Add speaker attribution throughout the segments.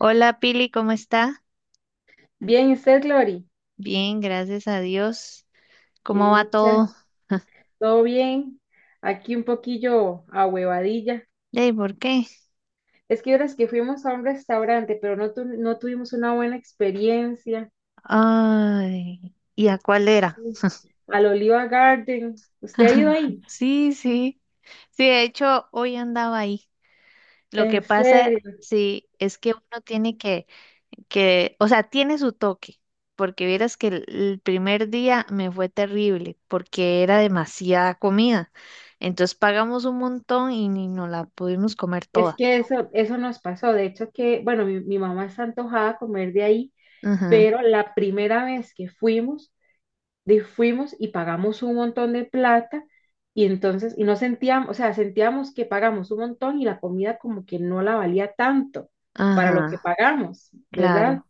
Speaker 1: Hola Pili, ¿cómo está?
Speaker 2: Bien, ¿y usted, Glory?
Speaker 1: Bien, gracias a Dios.
Speaker 2: Qué
Speaker 1: ¿Cómo va
Speaker 2: dicha.
Speaker 1: todo?
Speaker 2: ¿Todo bien? Aquí un poquillo a huevadilla.
Speaker 1: ¿por qué?
Speaker 2: Es que ahora que fuimos a un restaurante, pero no, no tuvimos una buena experiencia.
Speaker 1: Ay, ¿y a cuál era?
Speaker 2: Sí. Al Oliva Garden. ¿Usted ha ido ahí?
Speaker 1: Sí, sí. Sí, de hecho, hoy andaba ahí. Lo que
Speaker 2: ¿En
Speaker 1: pasa,
Speaker 2: serio?
Speaker 1: sí, es que uno tiene que, o sea, tiene su toque, porque vieras que el primer día me fue terrible, porque era demasiada comida. Entonces pagamos un montón y ni nos la pudimos comer
Speaker 2: Es
Speaker 1: toda.
Speaker 2: que eso nos pasó. De hecho, que, bueno, mi mamá está antojada a comer de ahí,
Speaker 1: Ajá,
Speaker 2: pero la primera vez que fuimos, de fuimos y pagamos un montón de plata y entonces, y no sentíamos, o sea, sentíamos que pagamos un montón y la comida como que no la valía tanto para lo que
Speaker 1: ajá,
Speaker 2: pagamos, ¿verdad?
Speaker 1: claro.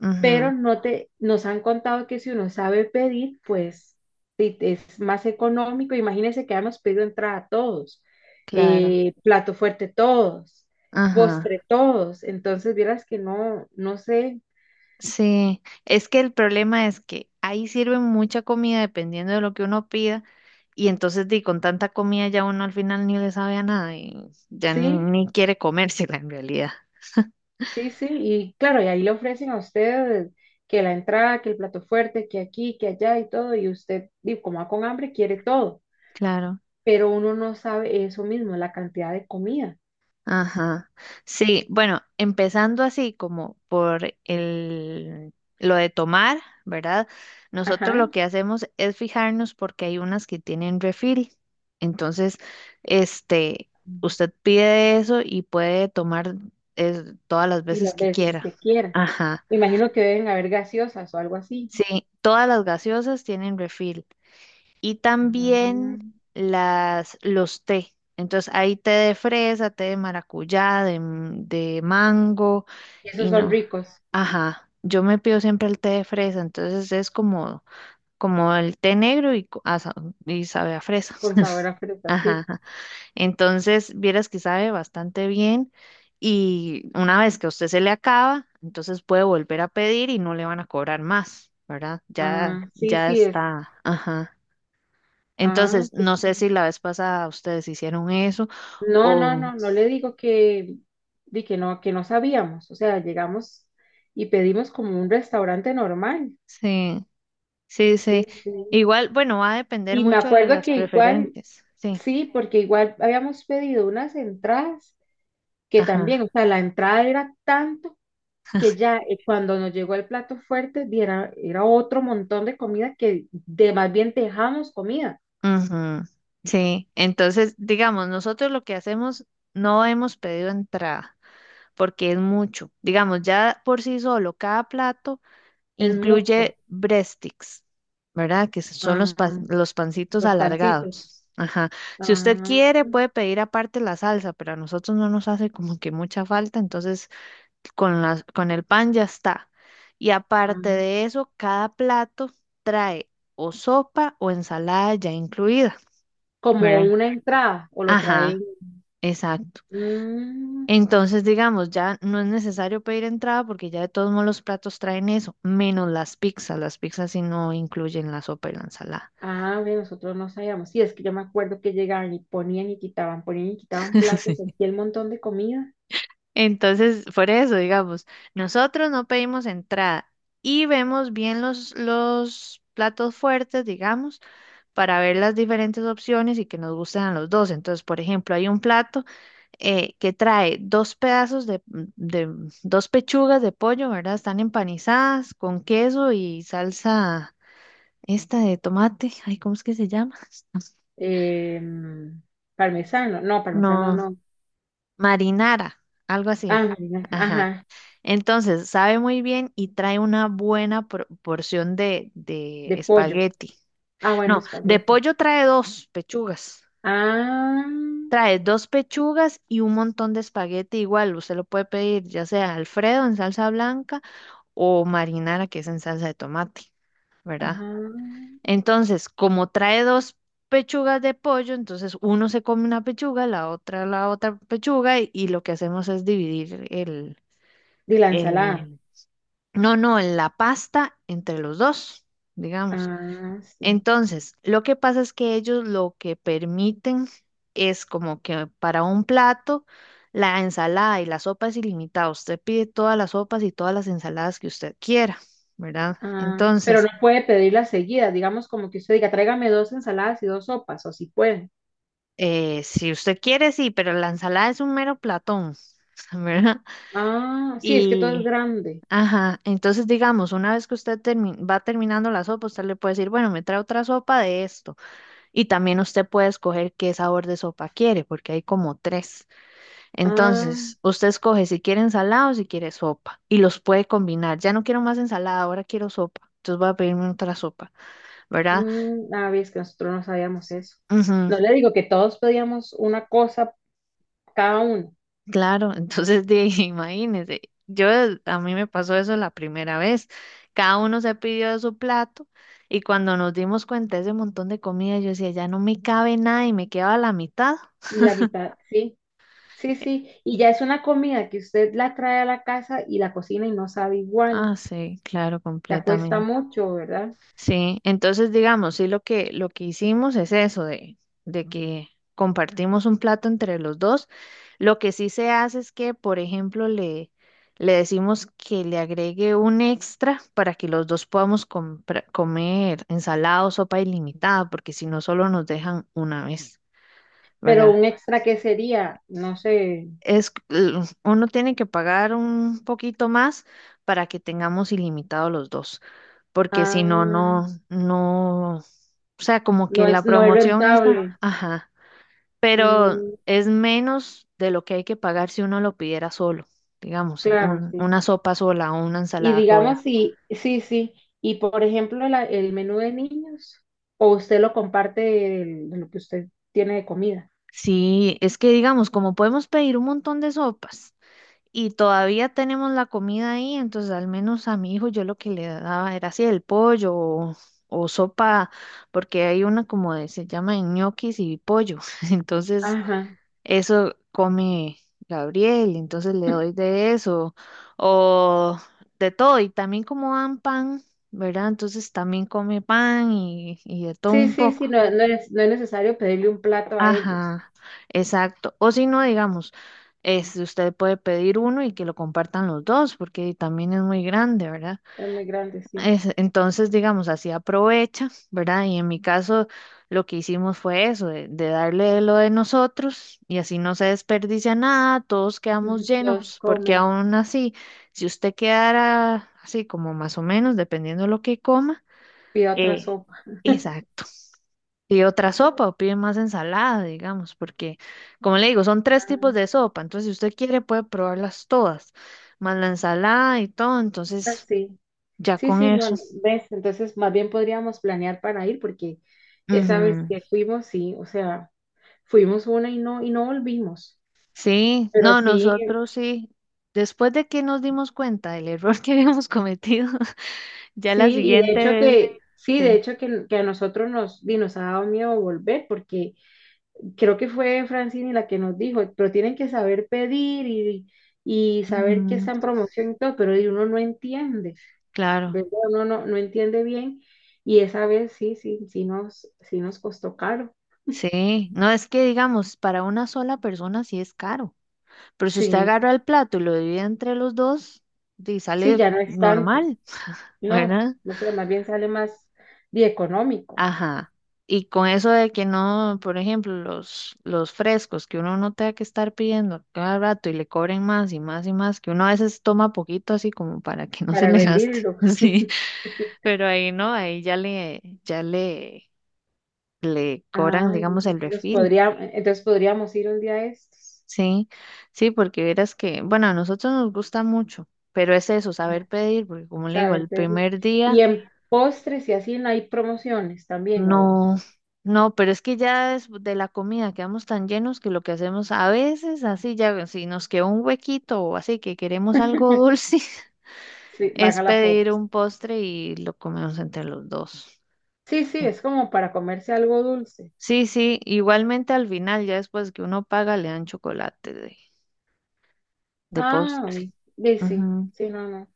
Speaker 1: Ujú,
Speaker 2: Pero no te, nos han contado que si uno sabe pedir, pues sí, es más económico. Imagínense que habíamos pedido entrada todos,
Speaker 1: claro,
Speaker 2: plato fuerte todos,
Speaker 1: ajá,
Speaker 2: postre todos. Entonces, vieras que no, no sé,
Speaker 1: sí, es que el problema es que ahí sirven mucha comida dependiendo de lo que uno pida y entonces di, con tanta comida ya uno al final ni le sabe a nada y ya
Speaker 2: sí.
Speaker 1: ni quiere comérsela en realidad.
Speaker 2: Sí, sí, y claro, y ahí le ofrecen a usted que la entrada, que el plato fuerte, que aquí, que allá y todo, y usted, di, como va con hambre, quiere todo,
Speaker 1: Claro.
Speaker 2: pero uno no sabe eso mismo, la cantidad de comida,
Speaker 1: Ajá. Sí, bueno, empezando así como por lo de tomar, ¿verdad? Nosotros lo
Speaker 2: ajá,
Speaker 1: que hacemos es fijarnos porque hay unas que tienen refil. Entonces, este, usted pide eso y puede tomar todas las
Speaker 2: y
Speaker 1: veces
Speaker 2: las
Speaker 1: que
Speaker 2: veces
Speaker 1: quiera.
Speaker 2: que quiera.
Speaker 1: Ajá.
Speaker 2: Me imagino que deben haber gaseosas o algo así.
Speaker 1: Sí, todas las gaseosas tienen refil y también
Speaker 2: Ajá.
Speaker 1: los té. Entonces hay té de fresa, té de maracuyá, de mango
Speaker 2: Y esos
Speaker 1: y
Speaker 2: son
Speaker 1: no.
Speaker 2: ricos,
Speaker 1: Ajá, yo me pido siempre el té de fresa, entonces es como el té negro y sabe a fresa.
Speaker 2: con sabor a fruta,
Speaker 1: Ajá,
Speaker 2: sí.
Speaker 1: ajá. Entonces vieras que sabe bastante bien y una vez que a usted se le acaba, entonces puede volver a pedir y no le van a cobrar más, ¿verdad? Ya,
Speaker 2: Ah, sí,
Speaker 1: ya
Speaker 2: sí, es.
Speaker 1: está. Ajá.
Speaker 2: Ah,
Speaker 1: Entonces,
Speaker 2: qué.
Speaker 1: no sé si la vez pasada ustedes hicieron eso
Speaker 2: No, no,
Speaker 1: o
Speaker 2: no, no le digo que, di que no sabíamos. O sea, llegamos y pedimos como un restaurante normal,
Speaker 1: sí, sí,
Speaker 2: sí,
Speaker 1: sí.
Speaker 2: sí.
Speaker 1: Igual, bueno, va a depender
Speaker 2: Y me
Speaker 1: mucho de
Speaker 2: acuerdo
Speaker 1: las
Speaker 2: que igual,
Speaker 1: preferencias. Sí,
Speaker 2: sí, porque igual habíamos pedido unas entradas que también,
Speaker 1: ajá.
Speaker 2: o sea, la entrada era tanto que ya cuando nos llegó el plato fuerte, di, era, era otro montón de comida que de más bien dejamos comida.
Speaker 1: Ujú. Sí, entonces, digamos, nosotros lo que hacemos no hemos pedido entrada porque es mucho. Digamos, ya por sí solo, cada plato.
Speaker 2: Es mucho.
Speaker 1: Incluye breadsticks, ¿verdad? Que son los, pa-
Speaker 2: Ah,
Speaker 1: los pancitos
Speaker 2: los pancitos.
Speaker 1: alargados. Ajá. Si usted
Speaker 2: Ah,
Speaker 1: quiere, puede pedir aparte la salsa, pero a nosotros no nos hace como que mucha falta, entonces con el pan ya está. Y aparte
Speaker 2: ah,
Speaker 1: de eso, cada plato trae o sopa o ensalada ya incluida,
Speaker 2: como
Speaker 1: ¿verdad?
Speaker 2: una entrada o lo
Speaker 1: Ajá,
Speaker 2: traen.
Speaker 1: exacto.
Speaker 2: mm,
Speaker 1: Entonces, digamos, ya no es necesario pedir entrada porque ya de todos modos los platos traen eso, menos las pizzas. Las pizzas sí no incluyen la sopa y la ensalada.
Speaker 2: ah, ve, nosotros no sabíamos. Sí, es que yo me acuerdo que llegaban y ponían y quitaban platos, aquí el montón de comida.
Speaker 1: Entonces, por eso, digamos, nosotros no pedimos entrada y vemos bien los platos fuertes, digamos, para ver las diferentes opciones y que nos gusten a los dos. Entonces, por ejemplo, hay un plato que trae dos pedazos de dos pechugas de pollo, ¿verdad? Están empanizadas con queso y salsa, esta de tomate, ay, ¿cómo es que se llama?
Speaker 2: Em, Parmesano, no, parmesano
Speaker 1: No,
Speaker 2: no.
Speaker 1: marinara, algo
Speaker 2: Ah,
Speaker 1: así.
Speaker 2: marina,
Speaker 1: Ajá.
Speaker 2: ajá,
Speaker 1: Entonces, sabe muy bien y trae una buena porción de
Speaker 2: de pollo.
Speaker 1: espagueti.
Speaker 2: Ah, bueno,
Speaker 1: No, de
Speaker 2: espagueti.
Speaker 1: pollo trae dos pechugas.
Speaker 2: Ah,
Speaker 1: Trae dos pechugas y un montón de espagueti igual. Usted lo puede pedir ya sea Alfredo en salsa blanca o marinara que es en salsa de tomate, ¿verdad?
Speaker 2: ah,
Speaker 1: Entonces, como trae dos pechugas de pollo, entonces uno se come una pechuga, la otra pechuga y, lo que hacemos es dividir
Speaker 2: de la ensalada.
Speaker 1: el, no, no, la pasta entre los dos, digamos.
Speaker 2: Ah, sí.
Speaker 1: Entonces, lo que pasa es que ellos lo que permiten es como que para un plato, la ensalada y la sopa es ilimitada. Usted pide todas las sopas y todas las ensaladas que usted quiera, ¿verdad?
Speaker 2: Ah, pero
Speaker 1: Entonces,
Speaker 2: no puede pedirlas seguidas, digamos como que usted diga, tráigame dos ensaladas y dos sopas, o si puede.
Speaker 1: si usted quiere, sí, pero la ensalada es un mero platón, ¿verdad?
Speaker 2: Ah, sí, es que todo es
Speaker 1: Y,
Speaker 2: grande.
Speaker 1: ajá, entonces digamos, una vez que usted va terminando la sopa, usted le puede decir, bueno, me trae otra sopa de esto. Y también usted puede escoger qué sabor de sopa quiere, porque hay como tres.
Speaker 2: Ah,
Speaker 1: Entonces, usted escoge si quiere ensalada o si quiere sopa y los puede combinar. Ya no quiero más ensalada, ahora quiero sopa. Entonces voy a pedirme otra sopa, ¿verdad?
Speaker 2: ah, ves que nosotros no sabíamos eso.
Speaker 1: Ujú.
Speaker 2: No le digo que todos pedíamos una cosa cada uno
Speaker 1: Claro, entonces imagínense, yo a mí me pasó eso la primera vez. Cada uno se pidió de su plato y cuando nos dimos cuenta de ese montón de comida, yo decía, ya no me cabe nada y me quedaba la mitad.
Speaker 2: y la mitad, sí, sí, sí. Y ya es una comida que usted la trae a la casa y la cocina y no sabe igual.
Speaker 1: Ah, sí, claro,
Speaker 2: Ya cuesta
Speaker 1: completamente.
Speaker 2: mucho, ¿verdad?
Speaker 1: Sí, entonces digamos, sí, lo que hicimos es eso, de que compartimos un plato entre los dos. Lo que sí se hace es que, por ejemplo, le decimos que le agregue un extra para que los dos podamos comer ensalada o sopa ilimitada, porque si no, solo nos dejan una vez,
Speaker 2: Pero
Speaker 1: ¿verdad?
Speaker 2: un extra que sería, no sé,
Speaker 1: Uno tiene que pagar un poquito más para que tengamos ilimitado los dos porque si no,
Speaker 2: ah,
Speaker 1: no, no, o sea, como
Speaker 2: no
Speaker 1: que
Speaker 2: es,
Speaker 1: la
Speaker 2: no es
Speaker 1: promoción esa,
Speaker 2: rentable.
Speaker 1: ajá, pero
Speaker 2: Mm,
Speaker 1: es menos de lo que hay que pagar si uno lo pidiera solo, digamos,
Speaker 2: claro,
Speaker 1: un-
Speaker 2: sí.
Speaker 1: una sopa sola o una
Speaker 2: Y
Speaker 1: ensalada
Speaker 2: digamos,
Speaker 1: sola.
Speaker 2: si, sí, sí. Y por ejemplo, el menú de niños, o usted lo comparte de lo que usted tiene de comida.
Speaker 1: Sí, es que digamos, como podemos pedir un montón de sopas y todavía tenemos la comida ahí, entonces al menos a mi hijo yo lo que le daba era así el pollo o sopa, porque hay una como se llama ñoquis y pollo, entonces
Speaker 2: Ajá.
Speaker 1: eso come Gabriel, entonces le doy de eso, o de todo, y también como dan pan, ¿verdad? Entonces también come pan y de todo
Speaker 2: Sí,
Speaker 1: un
Speaker 2: sí, sí,
Speaker 1: poco.
Speaker 2: no, no es, no es necesario pedirle un plato a ellos.
Speaker 1: Ajá, exacto. O si no, digamos, este, usted puede pedir uno y que lo compartan los dos, porque también es muy grande, ¿verdad?
Speaker 2: Es muy grande, sí.
Speaker 1: Entonces, digamos, así aprovecha, ¿verdad? Y en mi caso, lo que hicimos fue eso, de darle lo de nosotros y así no se desperdicia nada, todos quedamos
Speaker 2: Ujú. Todos
Speaker 1: llenos, porque
Speaker 2: comen,
Speaker 1: aún así, si usted quedara así como más o menos, dependiendo de lo que coma,
Speaker 2: pide otra
Speaker 1: eh,
Speaker 2: sopa.
Speaker 1: exacto. Pide otra sopa o pide más ensalada, digamos, porque, como le digo, son tres
Speaker 2: Ah,
Speaker 1: tipos de sopa, entonces si usted quiere puede probarlas todas, más la ensalada y todo, entonces
Speaker 2: sí.
Speaker 1: ya
Speaker 2: Sí,
Speaker 1: con
Speaker 2: sí, no,
Speaker 1: eso.
Speaker 2: no, ves, entonces más bien podríamos planear para ir porque esa vez
Speaker 1: Ujú.
Speaker 2: que fuimos, sí, o sea, fuimos una y no volvimos.
Speaker 1: Sí,
Speaker 2: Pero
Speaker 1: no,
Speaker 2: sí,
Speaker 1: nosotros sí. Después de que nos dimos cuenta del error que habíamos cometido, ya la
Speaker 2: sí, y de
Speaker 1: siguiente
Speaker 2: hecho
Speaker 1: vez,
Speaker 2: que, sí, de
Speaker 1: sí.
Speaker 2: hecho que a nosotros nos, di, nos ha dado miedo volver, porque creo que fue Francini la que nos dijo, pero tienen que saber pedir y saber que
Speaker 1: Ujú,
Speaker 2: está en promoción y todo, pero di, uno no entiende,
Speaker 1: claro,
Speaker 2: ¿verdad? Uno no, no entiende bien, y esa vez sí, sí, sí nos costó caro.
Speaker 1: sí. No es que digamos, para una sola persona sí es caro, pero si usted
Speaker 2: Sí,
Speaker 1: agarra el plato y lo divide entre los dos, di,
Speaker 2: sí,
Speaker 1: sale
Speaker 2: ya no es tanto.
Speaker 1: normal,
Speaker 2: No,
Speaker 1: ¿verdad?
Speaker 2: no sé, más bien sale más di, económico
Speaker 1: Ajá. Y con eso de que no, por ejemplo, los frescos que uno no tenga que estar pidiendo cada rato y le cobren más y más y más, que uno a veces toma poquito así como para que no se
Speaker 2: para
Speaker 1: le gaste,
Speaker 2: rendirlo.
Speaker 1: sí, pero ahí no, ahí ya le cobran,
Speaker 2: Ah,
Speaker 1: digamos, el
Speaker 2: los
Speaker 1: refil,
Speaker 2: podría, entonces podríamos ir un día de estos.
Speaker 1: sí, sí, porque verás que, bueno, a nosotros nos gusta mucho, pero es eso, saber pedir, porque como le
Speaker 2: A
Speaker 1: digo,
Speaker 2: ver,
Speaker 1: el
Speaker 2: Pedro.
Speaker 1: primer
Speaker 2: Y
Speaker 1: día.
Speaker 2: en postres y así no hay promociones también, o
Speaker 1: No, no, pero es que ya es de la comida quedamos tan llenos que lo que hacemos a veces, así ya, si nos queda un huequito o así que queremos algo dulce,
Speaker 2: sí,
Speaker 1: es
Speaker 2: baja la
Speaker 1: pedir
Speaker 2: popes.
Speaker 1: un postre y lo comemos entre los dos.
Speaker 2: Sí, sí, es como para comerse algo dulce.
Speaker 1: Sí, sí, igualmente al final, ya después que uno paga, le dan chocolate de
Speaker 2: Ah,
Speaker 1: postre.
Speaker 2: ve, sí, sí, sí, no, no.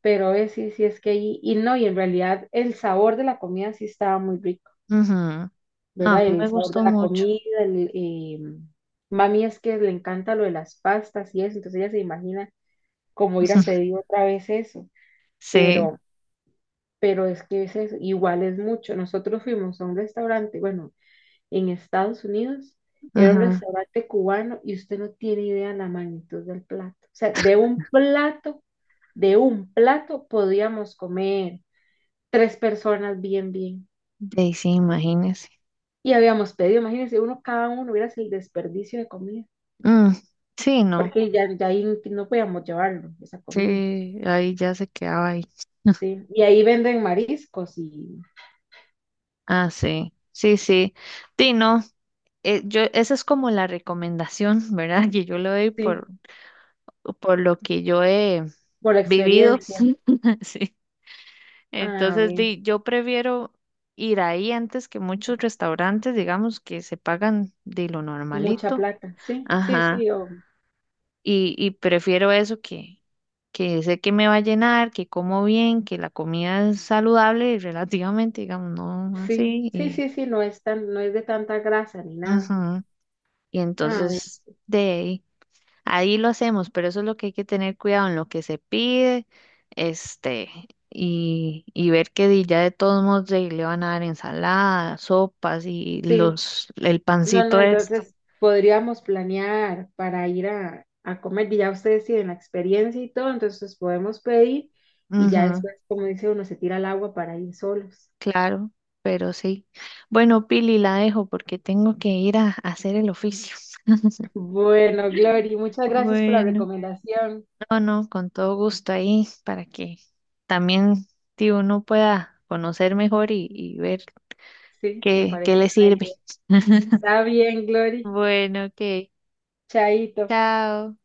Speaker 2: Pero es, sí, sí, es que ahí, y no, y en realidad el sabor de la comida sí estaba muy rico,
Speaker 1: Ujú, ujú. No, a
Speaker 2: ¿verdad?
Speaker 1: mí
Speaker 2: El
Speaker 1: me
Speaker 2: sabor de
Speaker 1: gustó
Speaker 2: la
Speaker 1: mucho.
Speaker 2: comida, el, mami es que le encanta lo de las pastas y eso, entonces ella se imagina como ir a pedir otra vez eso.
Speaker 1: Sí,
Speaker 2: pero, pero es que ese es igual es mucho. Nosotros fuimos a un restaurante, bueno, en Estados Unidos, era un
Speaker 1: ajá.
Speaker 2: restaurante cubano y usted no tiene idea la magnitud del plato. O sea, de un plato podíamos comer tres personas bien, bien.
Speaker 1: De ahí sí, imagínese.
Speaker 2: Y habíamos pedido, imagínense, uno cada uno, hubiera el desperdicio de comida,
Speaker 1: Mm, sí, no.
Speaker 2: porque ya, ya ahí no podíamos llevarlo, esa comida,
Speaker 1: Sí, ahí ya se quedaba ahí.
Speaker 2: ¿sí? Y ahí venden mariscos y,
Speaker 1: Ah, sí, sí, sí. Sí, no, esa es como la recomendación, ¿verdad? Que yo le doy
Speaker 2: sí,
Speaker 1: por lo que yo he
Speaker 2: por la
Speaker 1: vivido.
Speaker 2: experiencia.
Speaker 1: Sí.
Speaker 2: Ah,
Speaker 1: Entonces,
Speaker 2: bien.
Speaker 1: di, yo prefiero ir ahí antes que muchos restaurantes, digamos, que se pagan de lo
Speaker 2: Mucha
Speaker 1: normalito.
Speaker 2: plata, sí, sí,
Speaker 1: Ajá.
Speaker 2: sí, o,
Speaker 1: Y prefiero eso que, sé que me va a llenar, que como bien, que la comida es saludable relativamente, digamos, no
Speaker 2: sí,
Speaker 1: así.
Speaker 2: sí, sí, sí, no es tan, no es de tanta grasa ni nada.
Speaker 1: Ujú. Y
Speaker 2: A ver,
Speaker 1: entonces de ahí, ahí lo hacemos, pero eso es lo que hay que tener cuidado en lo que se pide, este, y ver que ya de todos modos de ahí le van a dar ensaladas, sopas y
Speaker 2: sí,
Speaker 1: el
Speaker 2: no, no,
Speaker 1: pancito este.
Speaker 2: entonces podríamos planear para ir a comer y ya ustedes tienen la experiencia y todo, entonces podemos pedir y ya
Speaker 1: Ujú,
Speaker 2: después, como dice uno, se tira al agua para ir solos.
Speaker 1: claro, pero sí. Bueno, Pili, la dejo porque tengo que ir a hacer el oficio.
Speaker 2: Bueno, Glory, muchas gracias por la
Speaker 1: Bueno,
Speaker 2: recomendación.
Speaker 1: no, no, con todo gusto ahí para que también, tío, uno pueda conocer mejor y ver.
Speaker 2: Sí, me
Speaker 1: Que
Speaker 2: parece
Speaker 1: le
Speaker 2: una
Speaker 1: sirve.
Speaker 2: idea. Está bien, Glory.
Speaker 1: Bueno, ok.
Speaker 2: Chaito.
Speaker 1: Chao.